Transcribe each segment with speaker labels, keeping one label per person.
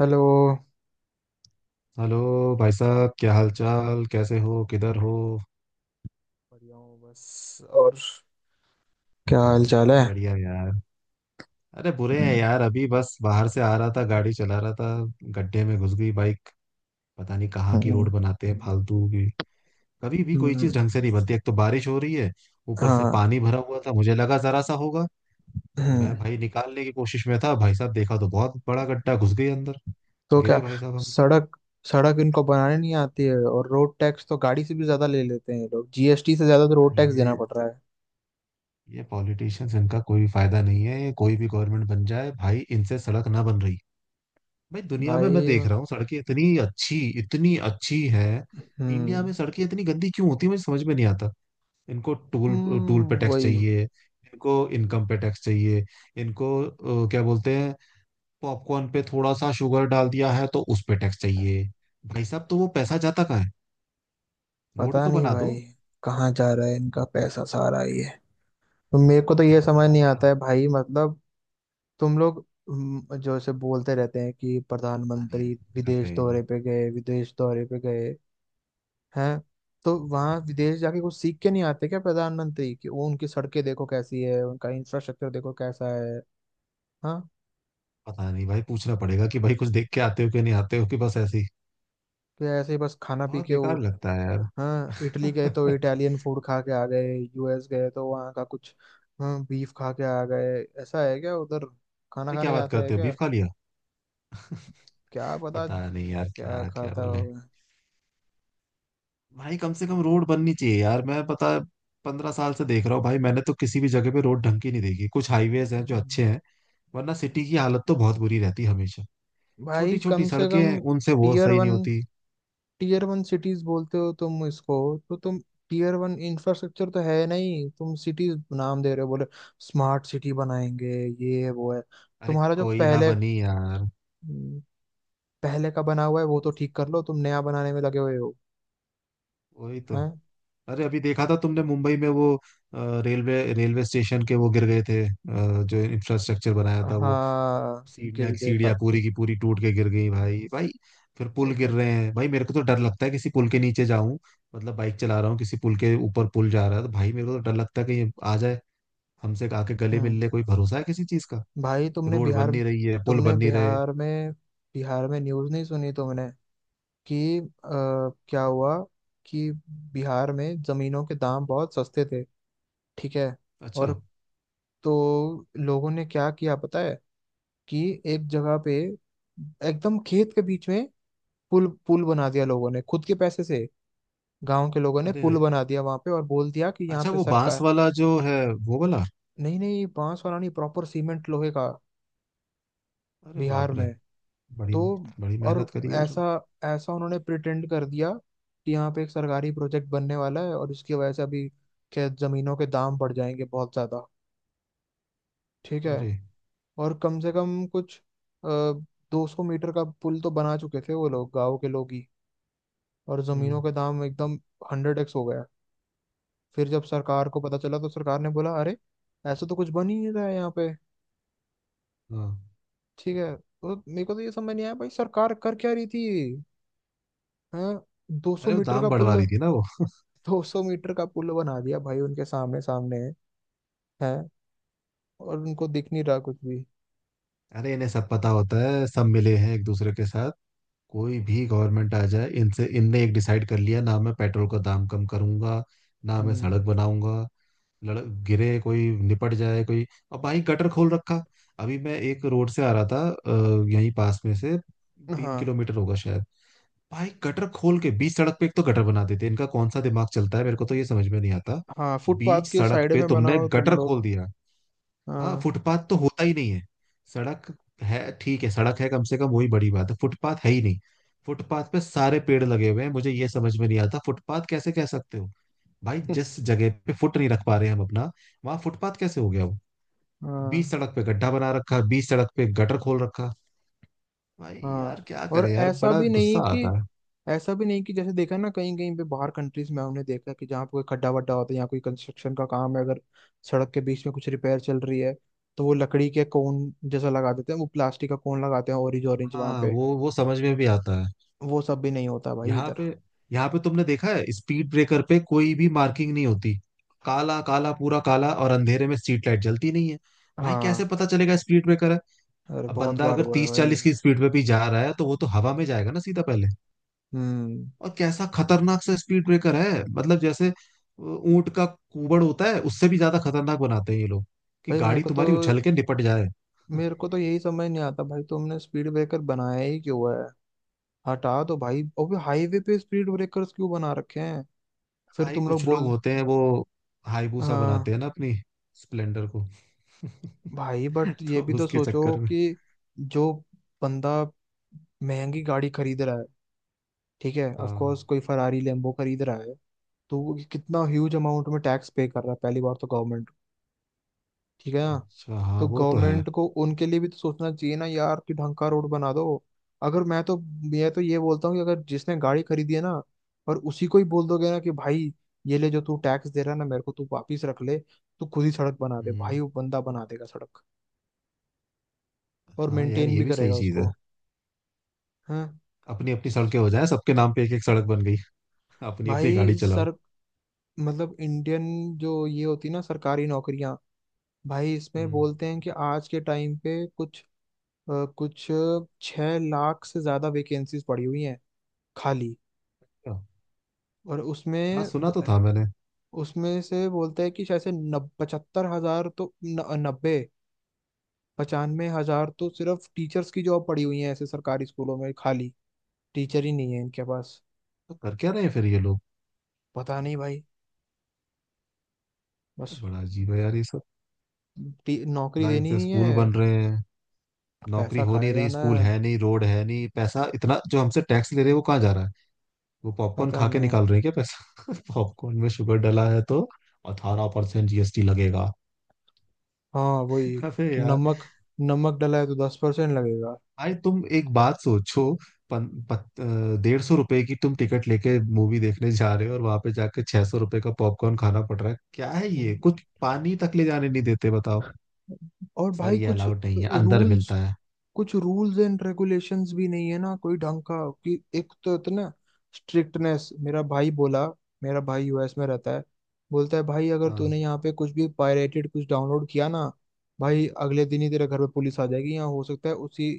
Speaker 1: Hello.
Speaker 2: Hello. भाई साहब, क्या हाल चाल, कैसे हो, किधर हो?
Speaker 1: बढ़िया हूँ बस। और क्या हाल चाल
Speaker 2: बस
Speaker 1: है?
Speaker 2: बढ़िया यार। अरे बुरे हैं
Speaker 1: हम्म।
Speaker 2: यार, अभी बस बाहर से आ रहा था, गाड़ी चला रहा था। गड्ढे में घुस गई बाइक। पता नहीं कहाँ की रोड बनाते हैं फालतू की। कभी भी कोई
Speaker 1: हम्म,
Speaker 2: चीज ढंग
Speaker 1: ठीक।
Speaker 2: से नहीं बनती, एक तो बारिश हो रही है, ऊपर से
Speaker 1: हाँ
Speaker 2: पानी भरा हुआ था, मुझे लगा जरा सा होगा।
Speaker 1: है। हम्म।
Speaker 2: मैं भाई निकालने की कोशिश में था, भाई साहब देखा तो बहुत बड़ा गड्ढा, घुस गई अंदर।
Speaker 1: तो क्या।
Speaker 2: गिरे भाई साहब हम।
Speaker 1: सड़क सड़क इनको बनाने नहीं आती है, और रोड टैक्स तो गाड़ी से भी ज्यादा ले लेते हैं ये लोग। जीएसटी से ज्यादा तो रोड टैक्स देना
Speaker 2: ये
Speaker 1: पड़ रहा है।
Speaker 2: ये पॉलिटिशियंस, इनका कोई फायदा नहीं है, ये कोई भी गवर्नमेंट बन जाए भाई इनसे सड़क ना बन रही। भाई दुनिया में मैं
Speaker 1: भाई।
Speaker 2: देख रहा हूँ सड़कें इतनी अच्छी हैं, इंडिया में
Speaker 1: हम्म।
Speaker 2: सड़कें इतनी गंदी क्यों होती है, मुझे समझ में नहीं आता। इनको टूल टूल पे टैक्स
Speaker 1: वही।
Speaker 2: चाहिए, इनको इनकम पे टैक्स चाहिए, इनको क्या बोलते हैं, पॉपकॉर्न पे थोड़ा सा शुगर डाल दिया है तो उस पे टैक्स चाहिए। भाई साहब तो वो पैसा जाता कहाँ है? रोड
Speaker 1: पता
Speaker 2: तो
Speaker 1: नहीं
Speaker 2: बना दो।
Speaker 1: भाई, कहाँ जा रहा है इनका पैसा सारा ये? तो मेरे को तो ये
Speaker 2: रोड
Speaker 1: समझ
Speaker 2: बना
Speaker 1: नहीं
Speaker 2: दिया,
Speaker 1: आता है भाई, मतलब तुम लोग। जो से बोलते रहते हैं कि
Speaker 2: बना दिया,
Speaker 1: प्रधानमंत्री
Speaker 2: कुछ भी करते
Speaker 1: विदेश
Speaker 2: हैं ये
Speaker 1: दौरे
Speaker 2: लोग।
Speaker 1: पे गए, विदेश दौरे पे गए हैं। तो वहाँ विदेश जाके कुछ सीख के नहीं आते क्या प्रधानमंत्री, कि वो उनकी सड़कें देखो कैसी है, उनका इंफ्रास्ट्रक्चर देखो कैसा है। हाँ।
Speaker 2: पता नहीं भाई, पूछना पड़ेगा कि भाई कुछ देख के आते हो कि नहीं आते हो कि बस ऐसे ही।
Speaker 1: तो ऐसे ही बस खाना पी
Speaker 2: बहुत
Speaker 1: के वो।
Speaker 2: बेकार लगता है यार।
Speaker 1: हाँ इटली गए तो इटालियन फूड खा के आ गए, यूएस गए तो वहाँ का कुछ। हाँ बीफ खा के आ गए। ऐसा है क्या उधर, खाना
Speaker 2: अरे
Speaker 1: खाने
Speaker 2: क्या बात
Speaker 1: जाते हैं
Speaker 2: करते हो, बीफ
Speaker 1: क्या?
Speaker 2: खा लिया?
Speaker 1: क्या पता
Speaker 2: पता नहीं यार
Speaker 1: क्या
Speaker 2: क्या क्या
Speaker 1: खाता
Speaker 2: बोले।
Speaker 1: होगा।
Speaker 2: भाई कम से कम रोड बननी चाहिए यार। मैं पता 15 साल से देख रहा हूँ भाई, मैंने तो किसी भी जगह पे रोड ढंग की नहीं देखी। कुछ हाईवेज हैं जो
Speaker 1: हम्म।
Speaker 2: अच्छे हैं, वरना सिटी की हालत तो बहुत बुरी रहती है हमेशा।
Speaker 1: भाई
Speaker 2: छोटी छोटी
Speaker 1: कम से
Speaker 2: सड़कें
Speaker 1: कम
Speaker 2: हैं, उनसे वो
Speaker 1: टीयर
Speaker 2: सही नहीं
Speaker 1: वन,
Speaker 2: होती।
Speaker 1: टीयर वन सिटीज बोलते हो तुम इसको? तो तुम टीयर वन इंफ्रास्ट्रक्चर तो है नहीं, तुम सिटीज नाम दे रहे हो। बोले स्मार्ट सिटी बनाएंगे, ये है वो है।
Speaker 2: अरे
Speaker 1: तुम्हारा जो
Speaker 2: कोई ना
Speaker 1: पहले
Speaker 2: बनी यार।
Speaker 1: पहले का बना हुआ है वो तो ठीक कर लो, तुम नया बनाने में लगे हुए हो।
Speaker 2: वही तो।
Speaker 1: हैं।
Speaker 2: अरे अभी देखा था तुमने मुंबई में वो रेलवे रेलवे स्टेशन के वो गिर गए थे, जो इंफ्रास्ट्रक्चर बनाया था वो,
Speaker 1: हाँ।
Speaker 2: सीढ़ियाँ
Speaker 1: गिर देखा
Speaker 2: सीढ़ियाँ
Speaker 1: थे।
Speaker 2: पूरी की पूरी टूट के गिर गई भाई भाई। फिर पुल
Speaker 1: देखा
Speaker 2: गिर रहे
Speaker 1: था।
Speaker 2: हैं भाई, मेरे को तो डर लगता है किसी पुल के नीचे जाऊं। मतलब बाइक चला रहा हूँ, किसी पुल के ऊपर पुल जा रहा है तो भाई मेरे को तो डर लगता है कहीं आ जाए, हमसे आके गले मिल
Speaker 1: हम्म।
Speaker 2: ले। कोई भरोसा है किसी चीज का?
Speaker 1: भाई
Speaker 2: रोड बन नहीं रही है, पुल
Speaker 1: तुमने
Speaker 2: बन नहीं रहे।
Speaker 1: बिहार में न्यूज़ नहीं सुनी तुमने कि क्या हुआ, कि बिहार में जमीनों के दाम बहुत सस्ते थे, ठीक है?
Speaker 2: अच्छा।
Speaker 1: और तो लोगों ने क्या किया पता है, कि एक जगह पे एकदम खेत के बीच में पुल पुल बना दिया लोगों ने खुद के पैसे से। गांव के लोगों ने
Speaker 2: अरे
Speaker 1: पुल बना दिया वहां पे, और बोल दिया कि यहाँ
Speaker 2: अच्छा,
Speaker 1: पे
Speaker 2: वो बांस
Speaker 1: सरकार।
Speaker 2: वाला जो है, वो वाला?
Speaker 1: नहीं नहीं, बांस वाला नहीं, प्रॉपर सीमेंट लोहे का।
Speaker 2: अरे
Speaker 1: बिहार
Speaker 2: बाप रे।
Speaker 1: में।
Speaker 2: बड़ी
Speaker 1: तो
Speaker 2: बड़ी
Speaker 1: और
Speaker 2: मेहनत करी यार।
Speaker 1: ऐसा ऐसा उन्होंने प्रिटेंड कर दिया कि यहाँ पे एक सरकारी प्रोजेक्ट बनने वाला है, और इसकी वजह से अभी खेत जमीनों के दाम बढ़ जाएंगे बहुत ज्यादा, ठीक है?
Speaker 2: अरे।
Speaker 1: और कम से कम कुछ 200 मीटर का पुल तो बना चुके थे वो लोग, गांव के लोग ही। और जमीनों
Speaker 2: हम्म।
Speaker 1: के दाम एकदम 100x हो गया। फिर जब सरकार को पता चला तो सरकार ने बोला अरे, ऐसा तो कुछ बन ही नहीं रहा है यहाँ पे।
Speaker 2: हाँ।
Speaker 1: ठीक है, तो मेरे को तो ये समझ नहीं आया भाई, सरकार कर क्या रही थी। हाँ। दो सौ
Speaker 2: अरे वो
Speaker 1: मीटर का
Speaker 2: दाम बढ़वा
Speaker 1: पुल।
Speaker 2: रही थी ना वो।
Speaker 1: 200 मीटर का पुल बना दिया भाई उनके सामने सामने है, और उनको दिख नहीं रहा कुछ भी।
Speaker 2: अरे इन्हें सब पता होता है, सब मिले हैं एक दूसरे के साथ। कोई भी गवर्नमेंट आ जाए इनसे, इनने एक डिसाइड कर लिया ना, मैं पेट्रोल का दाम कम करूंगा ना, मैं
Speaker 1: हम्म।
Speaker 2: सड़क बनाऊंगा, लड़ गिरे कोई, निपट जाए कोई। और भाई गटर खोल रखा। अभी मैं एक रोड से आ रहा था यहीं पास में से, तीन
Speaker 1: हाँ।
Speaker 2: किलोमीटर होगा शायद। भाई गटर खोल के बीच सड़क पे, एक तो गटर बना देते हैं, इनका कौन सा दिमाग चलता है मेरे को तो ये समझ में नहीं आता।
Speaker 1: हाँ, फुटपाथ
Speaker 2: बीच
Speaker 1: के
Speaker 2: सड़क
Speaker 1: साइड
Speaker 2: पे
Speaker 1: में
Speaker 2: तुमने
Speaker 1: बनाओ तुम
Speaker 2: गटर
Speaker 1: लोग।
Speaker 2: खोल दिया। हाँ
Speaker 1: हाँ।
Speaker 2: फुटपाथ तो होता ही नहीं है। सड़क है, ठीक है, सड़क है कम से कम, वही बड़ी बात है, फुटपाथ है ही नहीं। फुटपाथ पे सारे पेड़ लगे हुए हैं, मुझे ये समझ में नहीं आता फुटपाथ कैसे कह सकते हो। भाई जिस जगह पे फुट नहीं रख पा रहे हैं हम अपना, वहां फुटपाथ कैसे हो गया वो? बीच
Speaker 1: हाँ।
Speaker 2: सड़क पे गड्ढा बना रखा, बीच सड़क पे गटर खोल रखा। भाई
Speaker 1: हाँ,
Speaker 2: यार क्या
Speaker 1: और
Speaker 2: करे यार,
Speaker 1: ऐसा
Speaker 2: बड़ा
Speaker 1: भी नहीं
Speaker 2: गुस्सा
Speaker 1: कि
Speaker 2: आता है।
Speaker 1: ऐसा भी नहीं कि जैसे देखा ना, कहीं कहीं पे बाहर कंट्रीज में हमने देखा कि जहाँ पे कोई खड्डा वड्डा होता है या कोई कंस्ट्रक्शन का काम है, अगर सड़क के बीच में कुछ रिपेयर चल रही है, तो वो लकड़ी के कोन जैसा लगा देते हैं, वो प्लास्टिक का कोन लगाते हैं, ऑरेंज ऑरेंज वहां
Speaker 2: हाँ
Speaker 1: पे।
Speaker 2: वो समझ में भी आता है।
Speaker 1: वो सब भी नहीं होता भाई
Speaker 2: यहाँ
Speaker 1: इधर।
Speaker 2: पे यहाँ पे तुमने देखा है स्पीड ब्रेकर पे कोई भी मार्किंग नहीं होती। काला काला पूरा काला, और अंधेरे में स्ट्रीट लाइट जलती नहीं है। भाई कैसे
Speaker 1: हाँ।
Speaker 2: पता चलेगा स्पीड ब्रेकर है।
Speaker 1: अरे
Speaker 2: अब
Speaker 1: बहुत
Speaker 2: बंदा
Speaker 1: बार
Speaker 2: अगर
Speaker 1: हुआ है
Speaker 2: तीस
Speaker 1: भाई।
Speaker 2: चालीस की स्पीड पे भी जा रहा है तो वो तो हवा में जाएगा ना सीधा पहले।
Speaker 1: हम्म।
Speaker 2: और कैसा खतरनाक सा स्पीड ब्रेकर है, मतलब जैसे ऊंट का कूबड़ होता है उससे भी ज्यादा खतरनाक बनाते हैं ये लोग, कि
Speaker 1: भाई मेरे
Speaker 2: गाड़ी
Speaker 1: को तो
Speaker 2: तुम्हारी उछल के निपट जाए।
Speaker 1: मेरे को तो यही समझ नहीं आता भाई, तुमने स्पीड ब्रेकर बनाया ही क्यों है? हटा दो भाई, अबे हाईवे पे स्पीड ब्रेकर्स क्यों बना रखे हैं? फिर
Speaker 2: भाई
Speaker 1: तुम लोग
Speaker 2: कुछ लोग
Speaker 1: बोल।
Speaker 2: होते हैं वो हाईबूसा
Speaker 1: हाँ।
Speaker 2: बनाते हैं ना अपनी स्प्लेंडर को।
Speaker 1: भाई बट ये
Speaker 2: तो
Speaker 1: भी तो
Speaker 2: उसके
Speaker 1: सोचो
Speaker 2: चक्कर में।
Speaker 1: कि जो बंदा महंगी गाड़ी खरीद रहा है, ठीक है, ऑफ
Speaker 2: हाँ।
Speaker 1: कोर्स कोई फरारी लेम्बो खरीद रहा है, तो वो कितना ह्यूज अमाउंट में टैक्स पे कर रहा है पहली बार, तो गवर्नमेंट, ठीक है ना।
Speaker 2: अच्छा हाँ
Speaker 1: तो
Speaker 2: वो तो है।
Speaker 1: गवर्नमेंट को उनके लिए भी तो सोचना चाहिए ना यार, कि ढंग का रोड बना दो। अगर मैं तो मैं तो ये बोलता हूँ कि अगर जिसने गाड़ी खरीदी है ना, और उसी को ही बोल दोगे ना कि भाई, ये ले जो तू टैक्स दे रहा है ना मेरे को, तू वापिस रख ले, तू खुद ही सड़क बना दे भाई,
Speaker 2: हम्म।
Speaker 1: वो बंदा बना देगा सड़क, और
Speaker 2: हाँ यार
Speaker 1: मेंटेन
Speaker 2: ये
Speaker 1: भी
Speaker 2: भी सही
Speaker 1: करेगा
Speaker 2: चीज
Speaker 1: उसको।
Speaker 2: है।
Speaker 1: हाँ।
Speaker 2: अपनी अपनी सड़कें हो जाए, सबके नाम पे एक एक सड़क बन गई। अपनी अपनी
Speaker 1: भाई
Speaker 2: गाड़ी चलाओ।
Speaker 1: सर, मतलब इंडियन जो ये होती है ना सरकारी नौकरियां, भाई इसमें
Speaker 2: हम्म।
Speaker 1: बोलते हैं कि आज के टाइम पे कुछ कुछ 6 लाख से ज्यादा वैकेंसीज पड़ी हुई हैं खाली।
Speaker 2: क्या?
Speaker 1: और
Speaker 2: हाँ
Speaker 1: उसमें
Speaker 2: सुना तो था मैंने।
Speaker 1: उसमें से बोलते हैं कि शायद से नब 75 हजार तो न, 90, 95 हजार तो सिर्फ टीचर्स की जॉब पड़ी हुई है ऐसे सरकारी स्कूलों में खाली। टीचर ही नहीं है इनके पास।
Speaker 2: तो कर क्या रहे हैं फिर ये लोग?
Speaker 1: पता नहीं भाई, बस
Speaker 2: बड़ा अजीब है यार ये सब।
Speaker 1: नौकरी
Speaker 2: ना
Speaker 1: देनी
Speaker 2: इनसे
Speaker 1: नहीं
Speaker 2: स्कूल
Speaker 1: है,
Speaker 2: बन रहे हैं, नौकरी
Speaker 1: पैसा
Speaker 2: हो
Speaker 1: खाया
Speaker 2: नहीं रही,
Speaker 1: जाना
Speaker 2: स्कूल
Speaker 1: है।
Speaker 2: है नहीं, रोड है नहीं, पैसा इतना जो हमसे टैक्स ले रहे हैं वो कहाँ जा रहा है? वो पॉपकॉर्न
Speaker 1: पता
Speaker 2: खा के
Speaker 1: नहीं।
Speaker 2: निकाल रहे हैं क्या पैसा? पॉपकॉर्न में शुगर डला है तो 18% जीएसटी लगेगा।
Speaker 1: हाँ वही।
Speaker 2: अबे यार।
Speaker 1: नमक। नमक डला है तो 10% लगेगा।
Speaker 2: भाई तुम एक बात सोचो, 150 रुपए की तुम टिकट लेके मूवी देखने जा रहे हो और वहां पे जाके 600 रुपए का पॉपकॉर्न खाना पड़ रहा है। क्या है ये? कुछ पानी तक ले जाने नहीं देते, बताओ,
Speaker 1: और
Speaker 2: सर
Speaker 1: भाई
Speaker 2: ये अलाउड नहीं है, अंदर मिलता
Speaker 1: रूल्स
Speaker 2: है।
Speaker 1: कुछ रूल्स एंड रेगुलेशंस भी नहीं है ना कोई ढंग का, कि एक तो इतना स्ट्रिक्टनेस। मेरा भाई यूएस में रहता है। बोलता है भाई, अगर
Speaker 2: हाँ
Speaker 1: तूने यहाँ पे कुछ भी पायरेटेड कुछ डाउनलोड किया ना भाई, अगले दिन ही तेरे घर पे पुलिस आ जाएगी। यहाँ हो सकता है उसी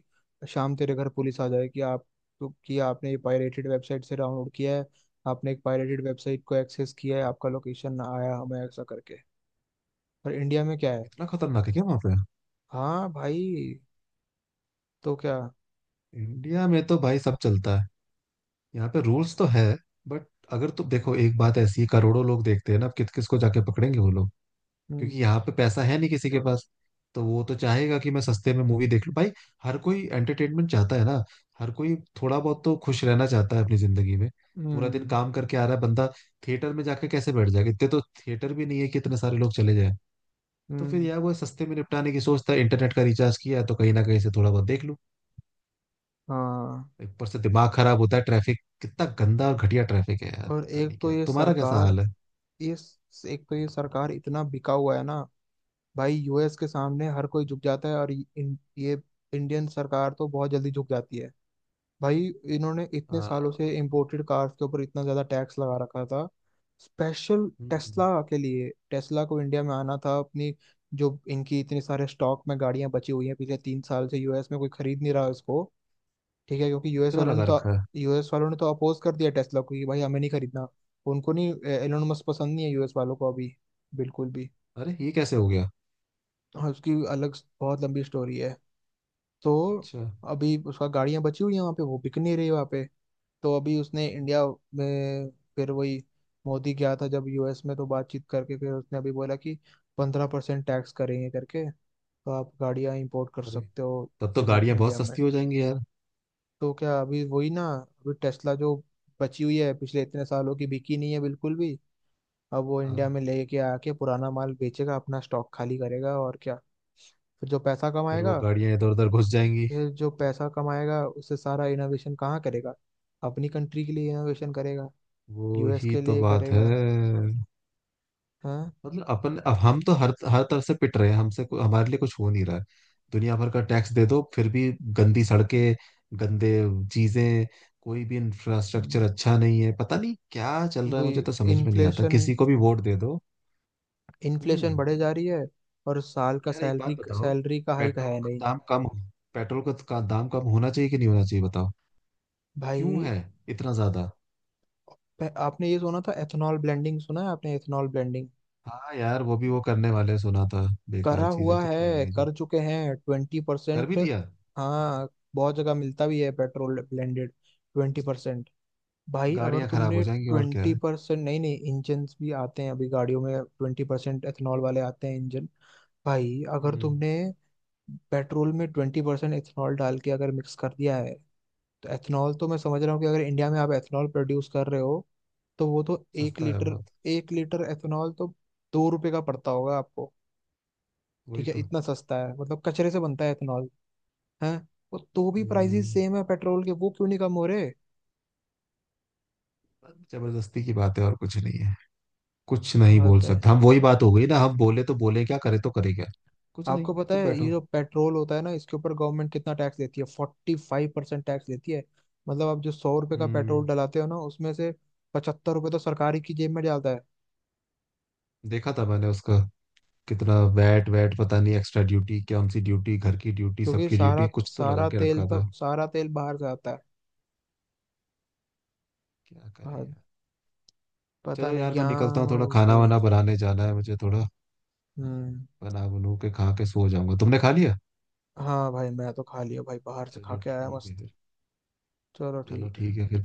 Speaker 1: शाम तेरे घर पुलिस आ जाए कि आप। तो कि आपने ये पायरेटेड वेबसाइट से डाउनलोड किया है, आपने एक पायरेटेड वेबसाइट को एक्सेस किया है, आपका लोकेशन ना आया हमें ऐसा करके। पर इंडिया में क्या है।
Speaker 2: इतना खतरनाक है क्या वहां पे?
Speaker 1: हाँ भाई। तो क्या।
Speaker 2: इंडिया में तो भाई सब चलता है, यहाँ पे रूल्स तो है, बट अगर तुम देखो एक बात ऐसी है, करोड़ों लोग देखते हैं ना, अब किस किस को जाके पकड़ेंगे वो लोग। क्योंकि
Speaker 1: हम्म।
Speaker 2: यहाँ पे पैसा है नहीं किसी के पास, तो वो तो चाहेगा कि मैं सस्ते में मूवी देख लूं भाई। हर कोई एंटरटेनमेंट चाहता है ना, हर कोई थोड़ा बहुत तो खुश रहना चाहता है अपनी जिंदगी में। पूरा दिन
Speaker 1: हम्म।
Speaker 2: काम करके आ रहा है बंदा, थिएटर में जाके कैसे बैठ जाएगा, इतने तो थिएटर भी नहीं है कि इतने सारे लोग चले जाएं। तो फिर
Speaker 1: हम्म।
Speaker 2: यार वो सस्ते में निपटाने की सोचता है, इंटरनेट का रिचार्ज किया है, तो कहीं ना कहीं से थोड़ा बहुत देख लूं।
Speaker 1: हाँ।
Speaker 2: ऊपर से दिमाग खराब होता है, ट्रैफिक कितना गंदा और घटिया ट्रैफिक है यार,
Speaker 1: और
Speaker 2: पता नहीं क्या तुम्हारा कैसा हाल है।
Speaker 1: एक तो ये सरकार इतना बिका हुआ है ना भाई, यूएस के सामने हर कोई झुक जाता है। और ये ये इंडियन सरकार तो बहुत जल्दी झुक जाती है भाई। इन्होंने
Speaker 2: आ,
Speaker 1: इतने सालों से इम्पोर्टेड कार्स के ऊपर इतना ज्यादा टैक्स लगा रखा था, स्पेशल
Speaker 2: हम्म,
Speaker 1: टेस्ला के लिए। टेस्ला को इंडिया में आना था अपनी। जो इनकी इतने सारे स्टॉक में गाड़ियां बची हुई हैं पिछले 3 साल से, यूएस में कोई खरीद नहीं रहा इसको, ठीक है? क्योंकि यूएस
Speaker 2: कितना
Speaker 1: वालों ने
Speaker 2: लगा
Speaker 1: तो
Speaker 2: रखा है?
Speaker 1: यूएस वालों ने तो अपोज कर दिया टेस्ला को कि भाई हमें नहीं खरीदना, उनको नहीं, एलोन मस्क पसंद नहीं है यूएस वालों को अभी, बिल्कुल भी।
Speaker 2: अरे ये कैसे हो गया?
Speaker 1: और उसकी अलग बहुत लंबी स्टोरी है। तो
Speaker 2: अच्छा।
Speaker 1: अभी उसका गाड़ियां बची हुई हैं वहाँ पे, वो बिक नहीं रही वहाँ पे। तो अभी उसने इंडिया में, फिर वही मोदी गया था जब यूएस में, तो बातचीत करके फिर उसने अभी बोला कि 15% टैक्स करेंगे करके, तो आप गाड़ियां इंपोर्ट कर
Speaker 2: अरे
Speaker 1: सकते हो
Speaker 2: तब तो
Speaker 1: इधर
Speaker 2: गाड़ियां बहुत
Speaker 1: इंडिया में।
Speaker 2: सस्ती हो जाएंगी यार।
Speaker 1: तो क्या, अभी वही ना, अभी टेस्ला जो बची हुई है पिछले इतने सालों की, बिकी नहीं है बिल्कुल भी। अब वो
Speaker 2: हाँ।
Speaker 1: इंडिया में लेके आके पुराना माल बेचेगा, अपना स्टॉक खाली करेगा और क्या। फिर जो पैसा
Speaker 2: फिर वो
Speaker 1: कमाएगा
Speaker 2: गाड़ियां इधर उधर घुस जाएंगी।
Speaker 1: फिर जो पैसा कमाएगा उससे सारा इनोवेशन कहाँ करेगा, अपनी कंट्री के लिए इनोवेशन करेगा?
Speaker 2: वो
Speaker 1: यूएस
Speaker 2: ही
Speaker 1: के
Speaker 2: तो
Speaker 1: लिए
Speaker 2: बात है।
Speaker 1: करेगा। हाँ।
Speaker 2: मतलब अपन, अब हम तो हर हर तरफ से पिट रहे हैं, हमारे लिए कुछ हो नहीं रहा है। दुनिया भर का टैक्स दे दो, फिर भी गंदी सड़कें, गंदे चीजें, कोई भी इंफ्रास्ट्रक्चर
Speaker 1: हम्म,
Speaker 2: अच्छा नहीं है, पता नहीं क्या चल रहा है,
Speaker 1: वही।
Speaker 2: मुझे तो समझ में नहीं आता
Speaker 1: इन्फ्लेशन
Speaker 2: किसी को भी वोट दे दो।
Speaker 1: इन्फ्लेशन
Speaker 2: हम्म।
Speaker 1: बढ़े जा रही है, और साल का
Speaker 2: यार एक बात
Speaker 1: सैलरी
Speaker 2: बताओ,
Speaker 1: सैलरी का हाइक
Speaker 2: पेट्रोल
Speaker 1: है
Speaker 2: का
Speaker 1: नहीं।
Speaker 2: दाम कम पेट्रोल का दाम कम होना चाहिए कि नहीं होना चाहिए बताओ? क्यों
Speaker 1: भाई
Speaker 2: है इतना ज्यादा?
Speaker 1: आपने ये सुना था एथेनॉल ब्लेंडिंग? सुना है आपने एथेनॉल ब्लेंडिंग?
Speaker 2: हाँ यार वो भी वो करने वाले सुना था,
Speaker 1: करा
Speaker 2: बेकार चीजें
Speaker 1: हुआ
Speaker 2: करते
Speaker 1: है,
Speaker 2: रहेंगे जब।
Speaker 1: कर चुके हैं ट्वेंटी
Speaker 2: कर भी
Speaker 1: परसेंट
Speaker 2: दिया।
Speaker 1: हाँ बहुत जगह मिलता भी है पेट्रोल ब्लेंडेड 20%। भाई अगर
Speaker 2: गाड़ियां खराब
Speaker 1: तुमने
Speaker 2: हो जाएंगी और क्या
Speaker 1: ट्वेंटी
Speaker 2: है।
Speaker 1: परसेंट नहीं नहीं, इंजन भी आते हैं अभी गाड़ियों में 20% एथेनॉल वाले आते हैं इंजन। भाई अगर
Speaker 2: हम्म।
Speaker 1: तुमने पेट्रोल में 20% एथेनॉल डाल के अगर मिक्स कर दिया है, तो एथेनॉल तो मैं समझ रहा हूँ कि अगर इंडिया में आप एथेनॉल प्रोड्यूस कर रहे हो, तो वो तो एक
Speaker 2: सस्ता है
Speaker 1: लीटर
Speaker 2: बहुत।
Speaker 1: एक लीटर एथेनॉल तो 2 रुपए का पड़ता होगा आपको।
Speaker 2: वही
Speaker 1: ठीक है
Speaker 2: तो।
Speaker 1: इतना सस्ता है, मतलब कचरे से बनता है इथेनॉल है, और तो भी प्राइसेस
Speaker 2: हम्म।
Speaker 1: सेम है पेट्रोल के। वो क्यों नहीं कम हो रहे?
Speaker 2: जबरदस्ती की बात है और कुछ नहीं है। कुछ नहीं
Speaker 1: हाँ
Speaker 2: बोल
Speaker 1: तो है।
Speaker 2: सकता हम, वही बात हो गई ना, हम बोले तो बोले, क्या करे तो करे क्या। कुछ नहीं,
Speaker 1: आपको पता
Speaker 2: चुप
Speaker 1: है ये
Speaker 2: बैठो।
Speaker 1: जो पेट्रोल होता है ना, इसके ऊपर गवर्नमेंट कितना टैक्स देती है? 45% टैक्स देती है। मतलब आप जो 100 रुपए का
Speaker 2: हम्म।
Speaker 1: पेट्रोल डलाते हो ना, उसमें से 75 रुपए तो सरकारी की जेब में जाता है।
Speaker 2: देखा था मैंने उसका, कितना वैट वैट पता नहीं, एक्स्ट्रा ड्यूटी, कौन सी ड्यूटी, घर की ड्यूटी,
Speaker 1: क्योंकि
Speaker 2: सबकी
Speaker 1: सारा
Speaker 2: ड्यूटी, कुछ तो लगा
Speaker 1: सारा
Speaker 2: के
Speaker 1: तेल
Speaker 2: रखा था।
Speaker 1: तो सारा तेल बाहर से आता है।
Speaker 2: क्या करे
Speaker 1: हाँ,
Speaker 2: यार।
Speaker 1: पता
Speaker 2: चलो
Speaker 1: नहीं
Speaker 2: यार मैं निकलता
Speaker 1: यहाँ।
Speaker 2: हूँ, थोड़ा
Speaker 1: वो-
Speaker 2: खाना वाना बनाने जाना है मुझे, थोड़ा
Speaker 1: हम्म।
Speaker 2: बना बनू के खा के सो जाऊंगा। तुमने खा लिया?
Speaker 1: हाँ भाई मैं तो खा लिया भाई, बाहर से खा
Speaker 2: चलो
Speaker 1: के आया
Speaker 2: ठीक है
Speaker 1: मस्त।
Speaker 2: फिर।
Speaker 1: चलो
Speaker 2: चलो
Speaker 1: ठीक है।
Speaker 2: ठीक है फिर।